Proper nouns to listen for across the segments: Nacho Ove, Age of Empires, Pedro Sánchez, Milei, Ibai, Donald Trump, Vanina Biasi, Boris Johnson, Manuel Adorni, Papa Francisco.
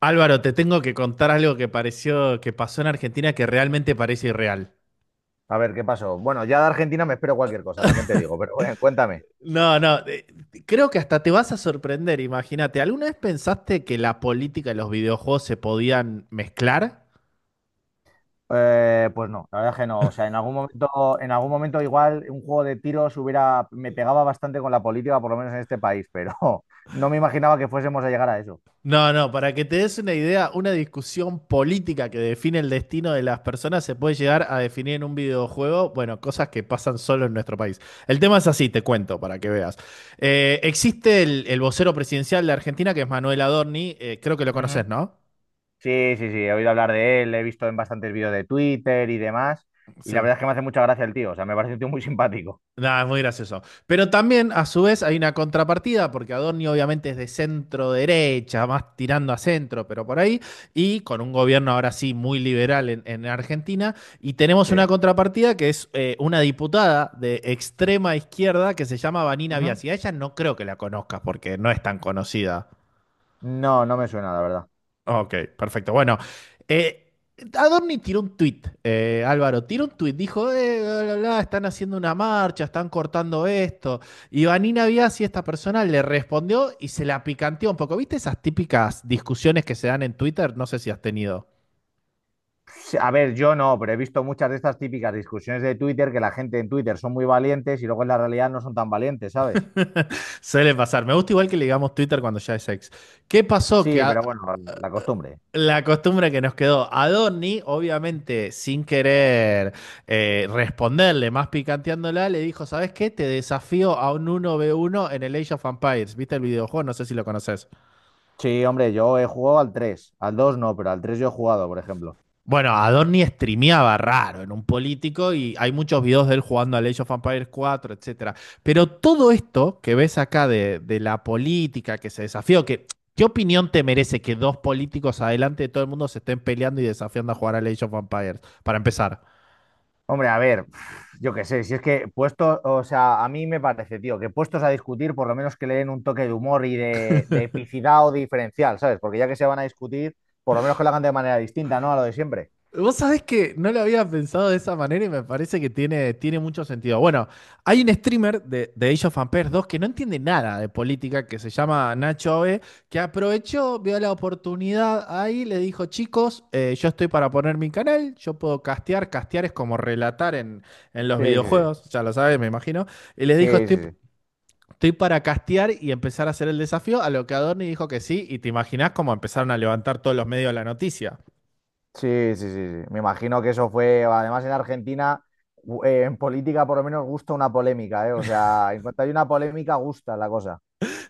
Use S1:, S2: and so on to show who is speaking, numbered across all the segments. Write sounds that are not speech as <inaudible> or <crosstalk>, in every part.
S1: Álvaro, te tengo que contar algo que pasó en Argentina que realmente parece irreal.
S2: A ver, ¿qué pasó? Bueno, ya de Argentina me espero cualquier cosa, también te digo, pero bueno, cuéntame.
S1: No, no, Creo que hasta te vas a sorprender, imagínate. ¿Alguna vez pensaste que la política y los videojuegos se podían mezclar?
S2: Pues no, la verdad es que no. O sea, en algún momento igual un juego de tiros hubiera, me pegaba bastante con la política, por lo menos en este país, pero <laughs> no me imaginaba que fuésemos a llegar a eso.
S1: No, no, para que te des una idea, una discusión política que define el destino de las personas se puede llegar a definir en un videojuego, bueno, cosas que pasan solo en nuestro país. El tema es así, te cuento para que veas. Existe el vocero presidencial de Argentina, que es Manuel Adorni, creo que lo conoces,
S2: Ujú.
S1: ¿no?
S2: Sí, he oído hablar de él, le he visto en bastantes vídeos de Twitter y demás, y la
S1: Sí.
S2: verdad es que me hace mucha gracia el tío, o sea, me parece un tío muy simpático.
S1: Nada, es muy gracioso. Pero también, a su vez, hay una contrapartida, porque Adorni obviamente es de centro derecha, más tirando a centro, pero por ahí, y con un gobierno ahora sí muy liberal en Argentina, y tenemos
S2: Sí.
S1: una contrapartida que es una diputada de extrema izquierda que se llama Vanina
S2: Ujú.
S1: Biasi. A ella no creo que la conozcas porque no es tan conocida.
S2: No, no me suena, la verdad.
S1: Ok, perfecto. Bueno, eh, Adorni tiró un tuit, Álvaro, tiró un tuit, dijo, bla, bla, bla, están haciendo una marcha, están cortando esto. Y Vanina Biasi, esta persona, le respondió y se la picanteó un poco. ¿Viste esas típicas discusiones que se dan en Twitter? No sé si has tenido.
S2: Sí. A ver, yo no, pero he visto muchas de estas típicas discusiones de Twitter que la gente en Twitter son muy valientes y luego en la realidad no son tan valientes, ¿sabes?
S1: <laughs> Suele pasar. Me gusta igual que le digamos Twitter cuando ya es ex. ¿Qué pasó? Que
S2: Sí,
S1: a-
S2: pero bueno, la costumbre.
S1: La costumbre que nos quedó a Donny, obviamente sin querer responderle, más picanteándola, le dijo, ¿sabes qué? Te desafío a un uno v uno en el Age of Empires. ¿Viste el videojuego? No sé si lo conoces.
S2: Sí, hombre, yo he jugado al tres, al 2 no, pero al 3 yo he jugado, por ejemplo.
S1: Bueno, a Donny streameaba raro, en un político, y hay muchos videos de él jugando al Age of Empires cuatro, etcétera. Pero todo esto que ves acá de la política, que se desafió, que... ¿Qué opinión te merece que dos políticos adelante de todo el mundo se estén peleando y desafiando a jugar al Age of Empires? Para empezar.
S2: Hombre, a ver, <sighs> yo qué sé, si es que puestos, o sea, a mí me parece, tío, que puestos a discutir, por lo menos que le den un toque de humor y de epicidad o diferencial, ¿sabes? Porque ya que se van a discutir, por lo menos que lo hagan de manera distinta, ¿no? A lo de siempre.
S1: Vos sabés que no lo había pensado de esa manera y me parece que tiene mucho sentido. Bueno, hay un streamer de Age of Empires 2 que no entiende nada de política, que se llama Nacho Ove, que aprovechó, vio la oportunidad ahí, le dijo, chicos, yo estoy para poner mi canal, yo puedo castear, castear es como relatar en los
S2: Sí.
S1: videojuegos, ya lo sabes, me imagino, y les
S2: Sí,
S1: dijo,
S2: sí,
S1: estoy...
S2: sí.
S1: Estoy para castear y empezar a hacer el desafío, a lo que Adorni dijo que sí, y te imaginás cómo empezaron a levantar todos los medios la noticia.
S2: Sí, sí. Me imagino que eso fue, además en Argentina, en política por lo menos gusta una polémica, ¿eh? O sea, en cuanto hay una polémica, gusta la cosa.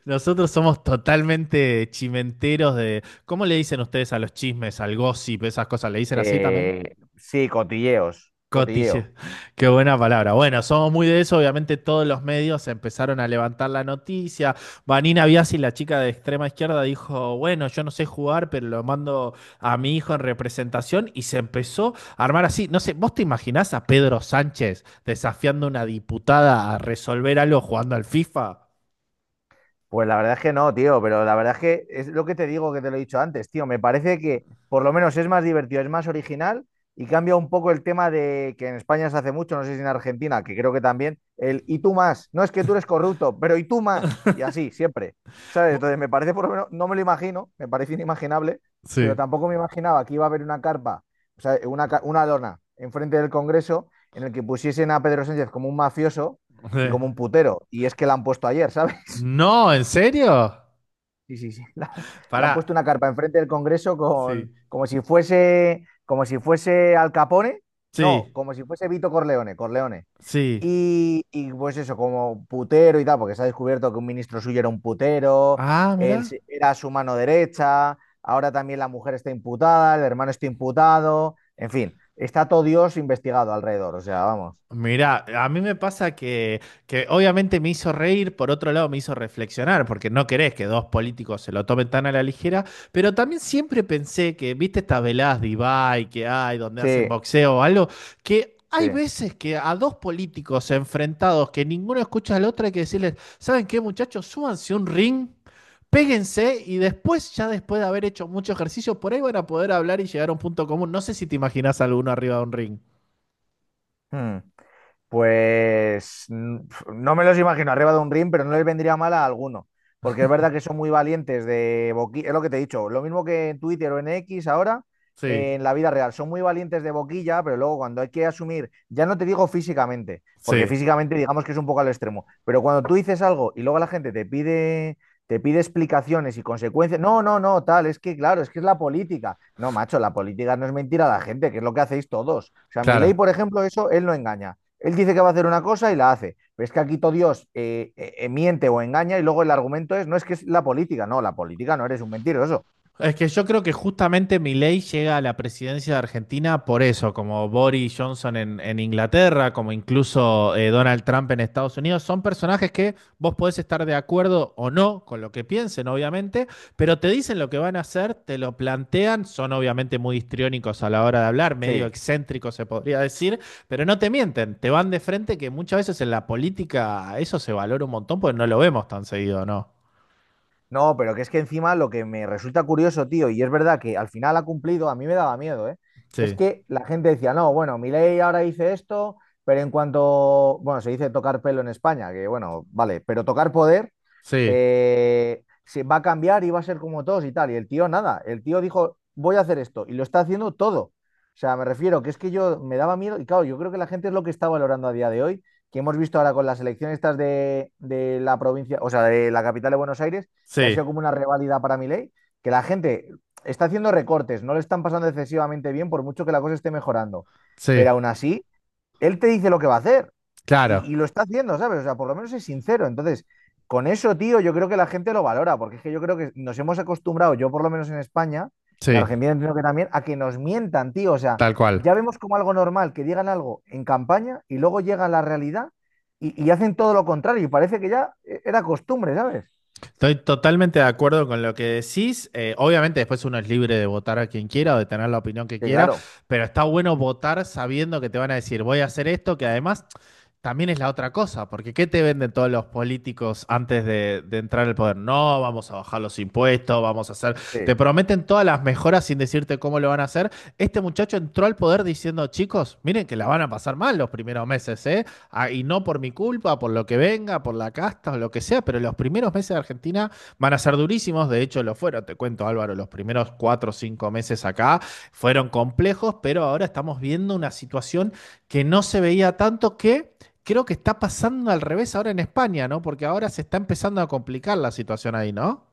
S1: Nosotros somos totalmente chimenteros de... ¿Cómo le dicen ustedes a los chismes, al gossip, esas cosas? ¿Le dicen así también?
S2: Sí, cotilleos,
S1: Cotille.
S2: cotilleo.
S1: <laughs> Qué buena palabra. Bueno, somos muy de eso. Obviamente todos los medios empezaron a levantar la noticia. Vanina Biasi, la chica de extrema izquierda, dijo, bueno, yo no sé jugar, pero lo mando a mi hijo en representación. Y se empezó a armar así. No sé, ¿vos te imaginás a Pedro Sánchez desafiando a una diputada a resolver algo jugando al FIFA?
S2: Pues la verdad es que no, tío, pero la verdad es que es lo que te digo, que te lo he dicho antes, tío. Me parece que por lo menos es más divertido, es más original y cambia un poco el tema de que en España se hace mucho, no sé si en Argentina, que creo que también, el y tú más. No es que tú eres corrupto, pero y tú más. Y así, siempre. ¿Sabes?
S1: Vo-
S2: Entonces me parece por lo menos, no me lo imagino, me parece inimaginable, pero
S1: Sí.
S2: tampoco me imaginaba que iba a haber una carpa, o sea, una, una lona enfrente del Congreso en el que pusiesen a Pedro Sánchez como un mafioso
S1: <laughs>
S2: y
S1: Sí.
S2: como un putero. Y es que la han puesto ayer, <laughs> ¿sabes?
S1: No, ¿en serio?
S2: Sí. <laughs> Le han puesto
S1: Pará.
S2: una carpa enfrente del Congreso con,
S1: Sí.
S2: como si fuese Al Capone, no,
S1: Sí,
S2: como si fuese Vito Corleone, Corleone.
S1: sí.
S2: Y pues eso, como putero y tal, porque se ha descubierto que un ministro suyo era un putero,
S1: Ah, mira.
S2: era su mano derecha, ahora también la mujer está imputada, el hermano está imputado, en fin, está todo Dios investigado alrededor, o sea, vamos.
S1: Mirá, a mí me pasa que obviamente me hizo reír, por otro lado me hizo reflexionar, porque no querés que dos políticos se lo tomen tan a la ligera, pero también siempre pensé que, viste estas veladas de Ibai que hay, donde hacen
S2: Sí,
S1: boxeo o algo, que hay
S2: sí.
S1: veces que a dos políticos enfrentados que ninguno escucha al otro hay que decirles, ¿saben qué, muchachos? Súbanse a un ring. Péguense y después, ya después de haber hecho mucho ejercicio, por ahí van a poder hablar y llegar a un punto común. No sé si te imaginas alguno arriba de un ring.
S2: Hmm. Pues no me los imagino arriba de un ring, pero no les vendría mal a alguno, porque es verdad que son muy valientes de boquilla, es lo que te he dicho, lo mismo que en Twitter o en X ahora,
S1: Sí,
S2: en la vida real, son muy valientes de boquilla, pero luego cuando hay que asumir, ya no te digo físicamente, porque
S1: sí.
S2: físicamente digamos que es un poco al extremo, pero cuando tú dices algo y luego la gente te pide explicaciones y consecuencias, no, no, no, tal, es que claro, es que es la política. No, macho, la política no es mentira a la gente, que es lo que hacéis todos. O sea, mi
S1: Claro.
S2: ley por ejemplo, eso, él no engaña. Él dice que va a hacer una cosa y la hace. Pero es que aquí todo Dios miente o engaña y luego el argumento es, no es que es la política no eres un mentiroso.
S1: Es que yo creo que justamente Milei llega a la presidencia de Argentina por eso, como Boris Johnson en Inglaterra, como incluso Donald Trump en Estados Unidos, son personajes que vos podés estar de acuerdo o no con lo que piensen, obviamente, pero te dicen lo que van a hacer, te lo plantean, son obviamente muy histriónicos a la hora de hablar, medio
S2: Sí.
S1: excéntricos se podría decir, pero no te mienten, te van de frente que muchas veces en la política eso se valora un montón porque no lo vemos tan seguido, ¿no?
S2: No, pero que es que encima lo que me resulta curioso, tío, y es verdad que al final ha cumplido, a mí me daba miedo, ¿eh? Es
S1: Sí,
S2: que la gente decía, no, bueno, Milei ahora dice esto, pero en cuanto, bueno, se dice tocar pelo en España, que bueno, vale, pero tocar poder
S1: sí,
S2: se va a cambiar y va a ser como todos y tal. Y el tío nada, el tío dijo, voy a hacer esto y lo está haciendo todo. O sea, me refiero que es que yo me daba miedo y claro, yo creo que la gente es lo que está valorando a día de hoy, que hemos visto ahora con las elecciones estas de la provincia, o sea, de la capital de Buenos Aires, que ha
S1: sí.
S2: sido como una reválida para Milei, que la gente está haciendo recortes, no le están pasando excesivamente bien por mucho que la cosa esté mejorando.
S1: Sí,
S2: Pero aún así, él te dice lo que va a hacer
S1: claro,
S2: y lo está haciendo, ¿sabes? O sea, por lo menos es sincero. Entonces, con eso, tío, yo creo que la gente lo valora, porque es que yo creo que nos hemos acostumbrado, yo por lo menos en España, en
S1: sí,
S2: Argentina entiendo que también, a que nos mientan, tío. O sea,
S1: tal cual.
S2: ya vemos como algo normal que digan algo en campaña y luego llega la realidad y hacen todo lo contrario. Y parece que ya era costumbre, ¿sabes?
S1: Estoy totalmente de acuerdo con lo que decís. Obviamente después uno es libre de votar a quien quiera o de tener la opinión que
S2: Que
S1: quiera,
S2: claro,
S1: pero está bueno votar sabiendo que te van a decir voy a hacer esto, que además también es la otra cosa, porque ¿qué te venden todos los políticos antes de entrar al poder? No, vamos a bajar los impuestos, vamos a hacer... Te
S2: sí.
S1: prometen todas las mejoras sin decirte cómo lo van a hacer. Este muchacho entró al poder diciendo, chicos, miren que la van a pasar mal los primeros meses, ¿eh? Ah, y no por mi culpa, por lo que venga, por la casta o lo que sea, pero los primeros meses de Argentina van a ser durísimos, de hecho lo fueron, te cuento Álvaro, los primeros cuatro o cinco meses acá fueron complejos, pero ahora estamos viendo una situación que no se veía tanto que... Creo que está pasando al revés ahora en España, ¿no? Porque ahora se está empezando a complicar la situación ahí, ¿no?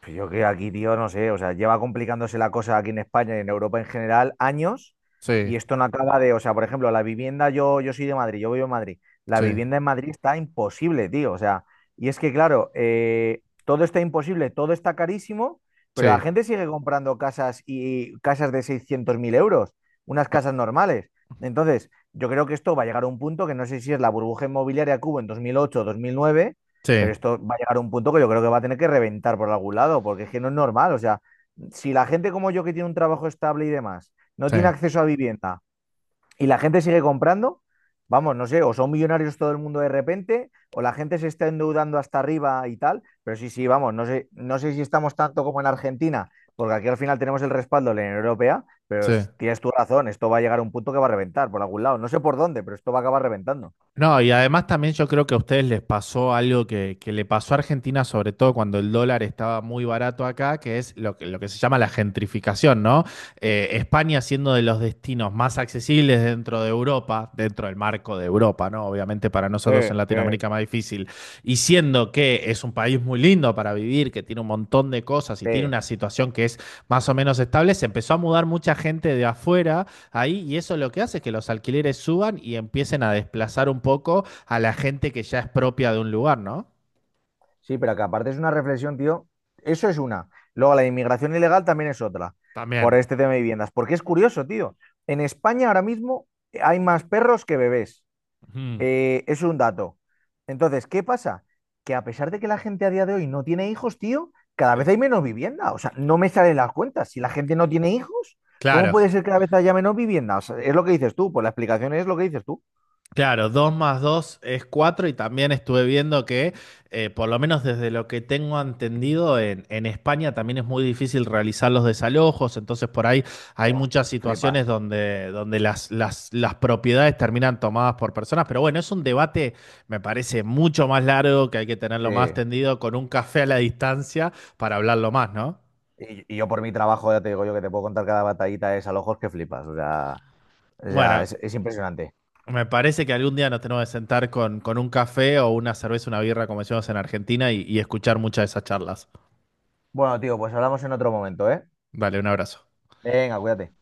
S2: Pues yo que aquí, tío, no sé, o sea, lleva complicándose la cosa aquí en España y en Europa en general años
S1: Sí,
S2: y esto no acaba de, o sea, por ejemplo, la vivienda, yo soy de Madrid, yo vivo en Madrid, la
S1: sí,
S2: vivienda en Madrid está imposible, tío, o sea, y es que claro, todo está imposible, todo está carísimo, pero la
S1: sí,
S2: gente sigue comprando casas y casas de 600.000 euros, unas casas normales. Entonces, yo creo que esto va a llegar a un punto que no sé si es la burbuja inmobiliaria que hubo en 2008 o 2009,
S1: sí,
S2: pero esto va a llegar a un punto que yo creo que va a tener que reventar por algún lado, porque es que no es normal. O sea, si la gente como yo que tiene un trabajo estable y demás no
S1: sí,
S2: tiene acceso a vivienda y la gente sigue comprando, vamos, no sé, o son millonarios todo el mundo de repente, o la gente se está endeudando hasta arriba y tal, pero sí, sí, vamos, no sé, no sé si estamos tanto como en Argentina, porque aquí al final tenemos el respaldo de la Unión Europea,
S1: sí.
S2: pero si tienes tu razón, esto va a llegar a un punto que va a reventar por algún lado, no sé por dónde, pero esto va a acabar reventando.
S1: No, y además también yo creo que a ustedes les pasó algo que le pasó a Argentina, sobre todo cuando el dólar estaba muy barato acá, que es lo que se llama la gentrificación, ¿no? España siendo de los destinos más accesibles dentro de Europa, dentro del marco de Europa, ¿no? Obviamente para nosotros
S2: Eh,
S1: en
S2: eh.
S1: Latinoamérica más difícil, y siendo que es un país muy lindo para vivir, que tiene un montón de cosas y tiene
S2: Sí.
S1: una situación que es más o menos estable, se empezó a mudar mucha gente de afuera ahí y eso lo que hace es que los alquileres suban y empiecen a desplazar un poco a la gente que ya es propia de un lugar, ¿no?
S2: Sí, pero que aparte es una reflexión, tío. Eso es una. Luego la inmigración ilegal también es otra, por
S1: También.
S2: este tema de viviendas. Porque es curioso, tío. En España ahora mismo hay más perros que bebés.
S1: Ujú.
S2: Es un dato. Entonces, ¿qué pasa? Que a pesar de que la gente a día de hoy no tiene hijos, tío, cada
S1: Sí.
S2: vez hay menos vivienda. O sea, no me salen las cuentas. Si la gente no tiene hijos, ¿cómo
S1: Claro.
S2: puede ser que cada vez haya menos vivienda? O sea, es lo que dices tú. Pues la explicación es lo que dices tú.
S1: Claro, 2 más 2 es 4 y también estuve viendo que, por lo menos desde lo que tengo entendido, en España también es muy difícil realizar los desalojos, entonces por ahí hay
S2: Buah,
S1: muchas situaciones
S2: flipas.
S1: donde, donde las propiedades terminan tomadas por personas, pero bueno, es un debate, me parece, mucho más largo, que hay que tenerlo más
S2: Sí.
S1: tendido con un café a la distancia para hablarlo más, ¿no?
S2: Y yo por mi trabajo, ya te digo yo, que te puedo contar cada batallita es a ojos que flipas. O sea,
S1: Bueno,
S2: es impresionante.
S1: me parece que algún día nos tenemos que sentar con un café o una cerveza, una birra, como decimos en Argentina, y escuchar muchas de esas charlas.
S2: Bueno, tío, pues hablamos en otro momento, ¿eh?
S1: Dale, un abrazo.
S2: Venga, cuídate.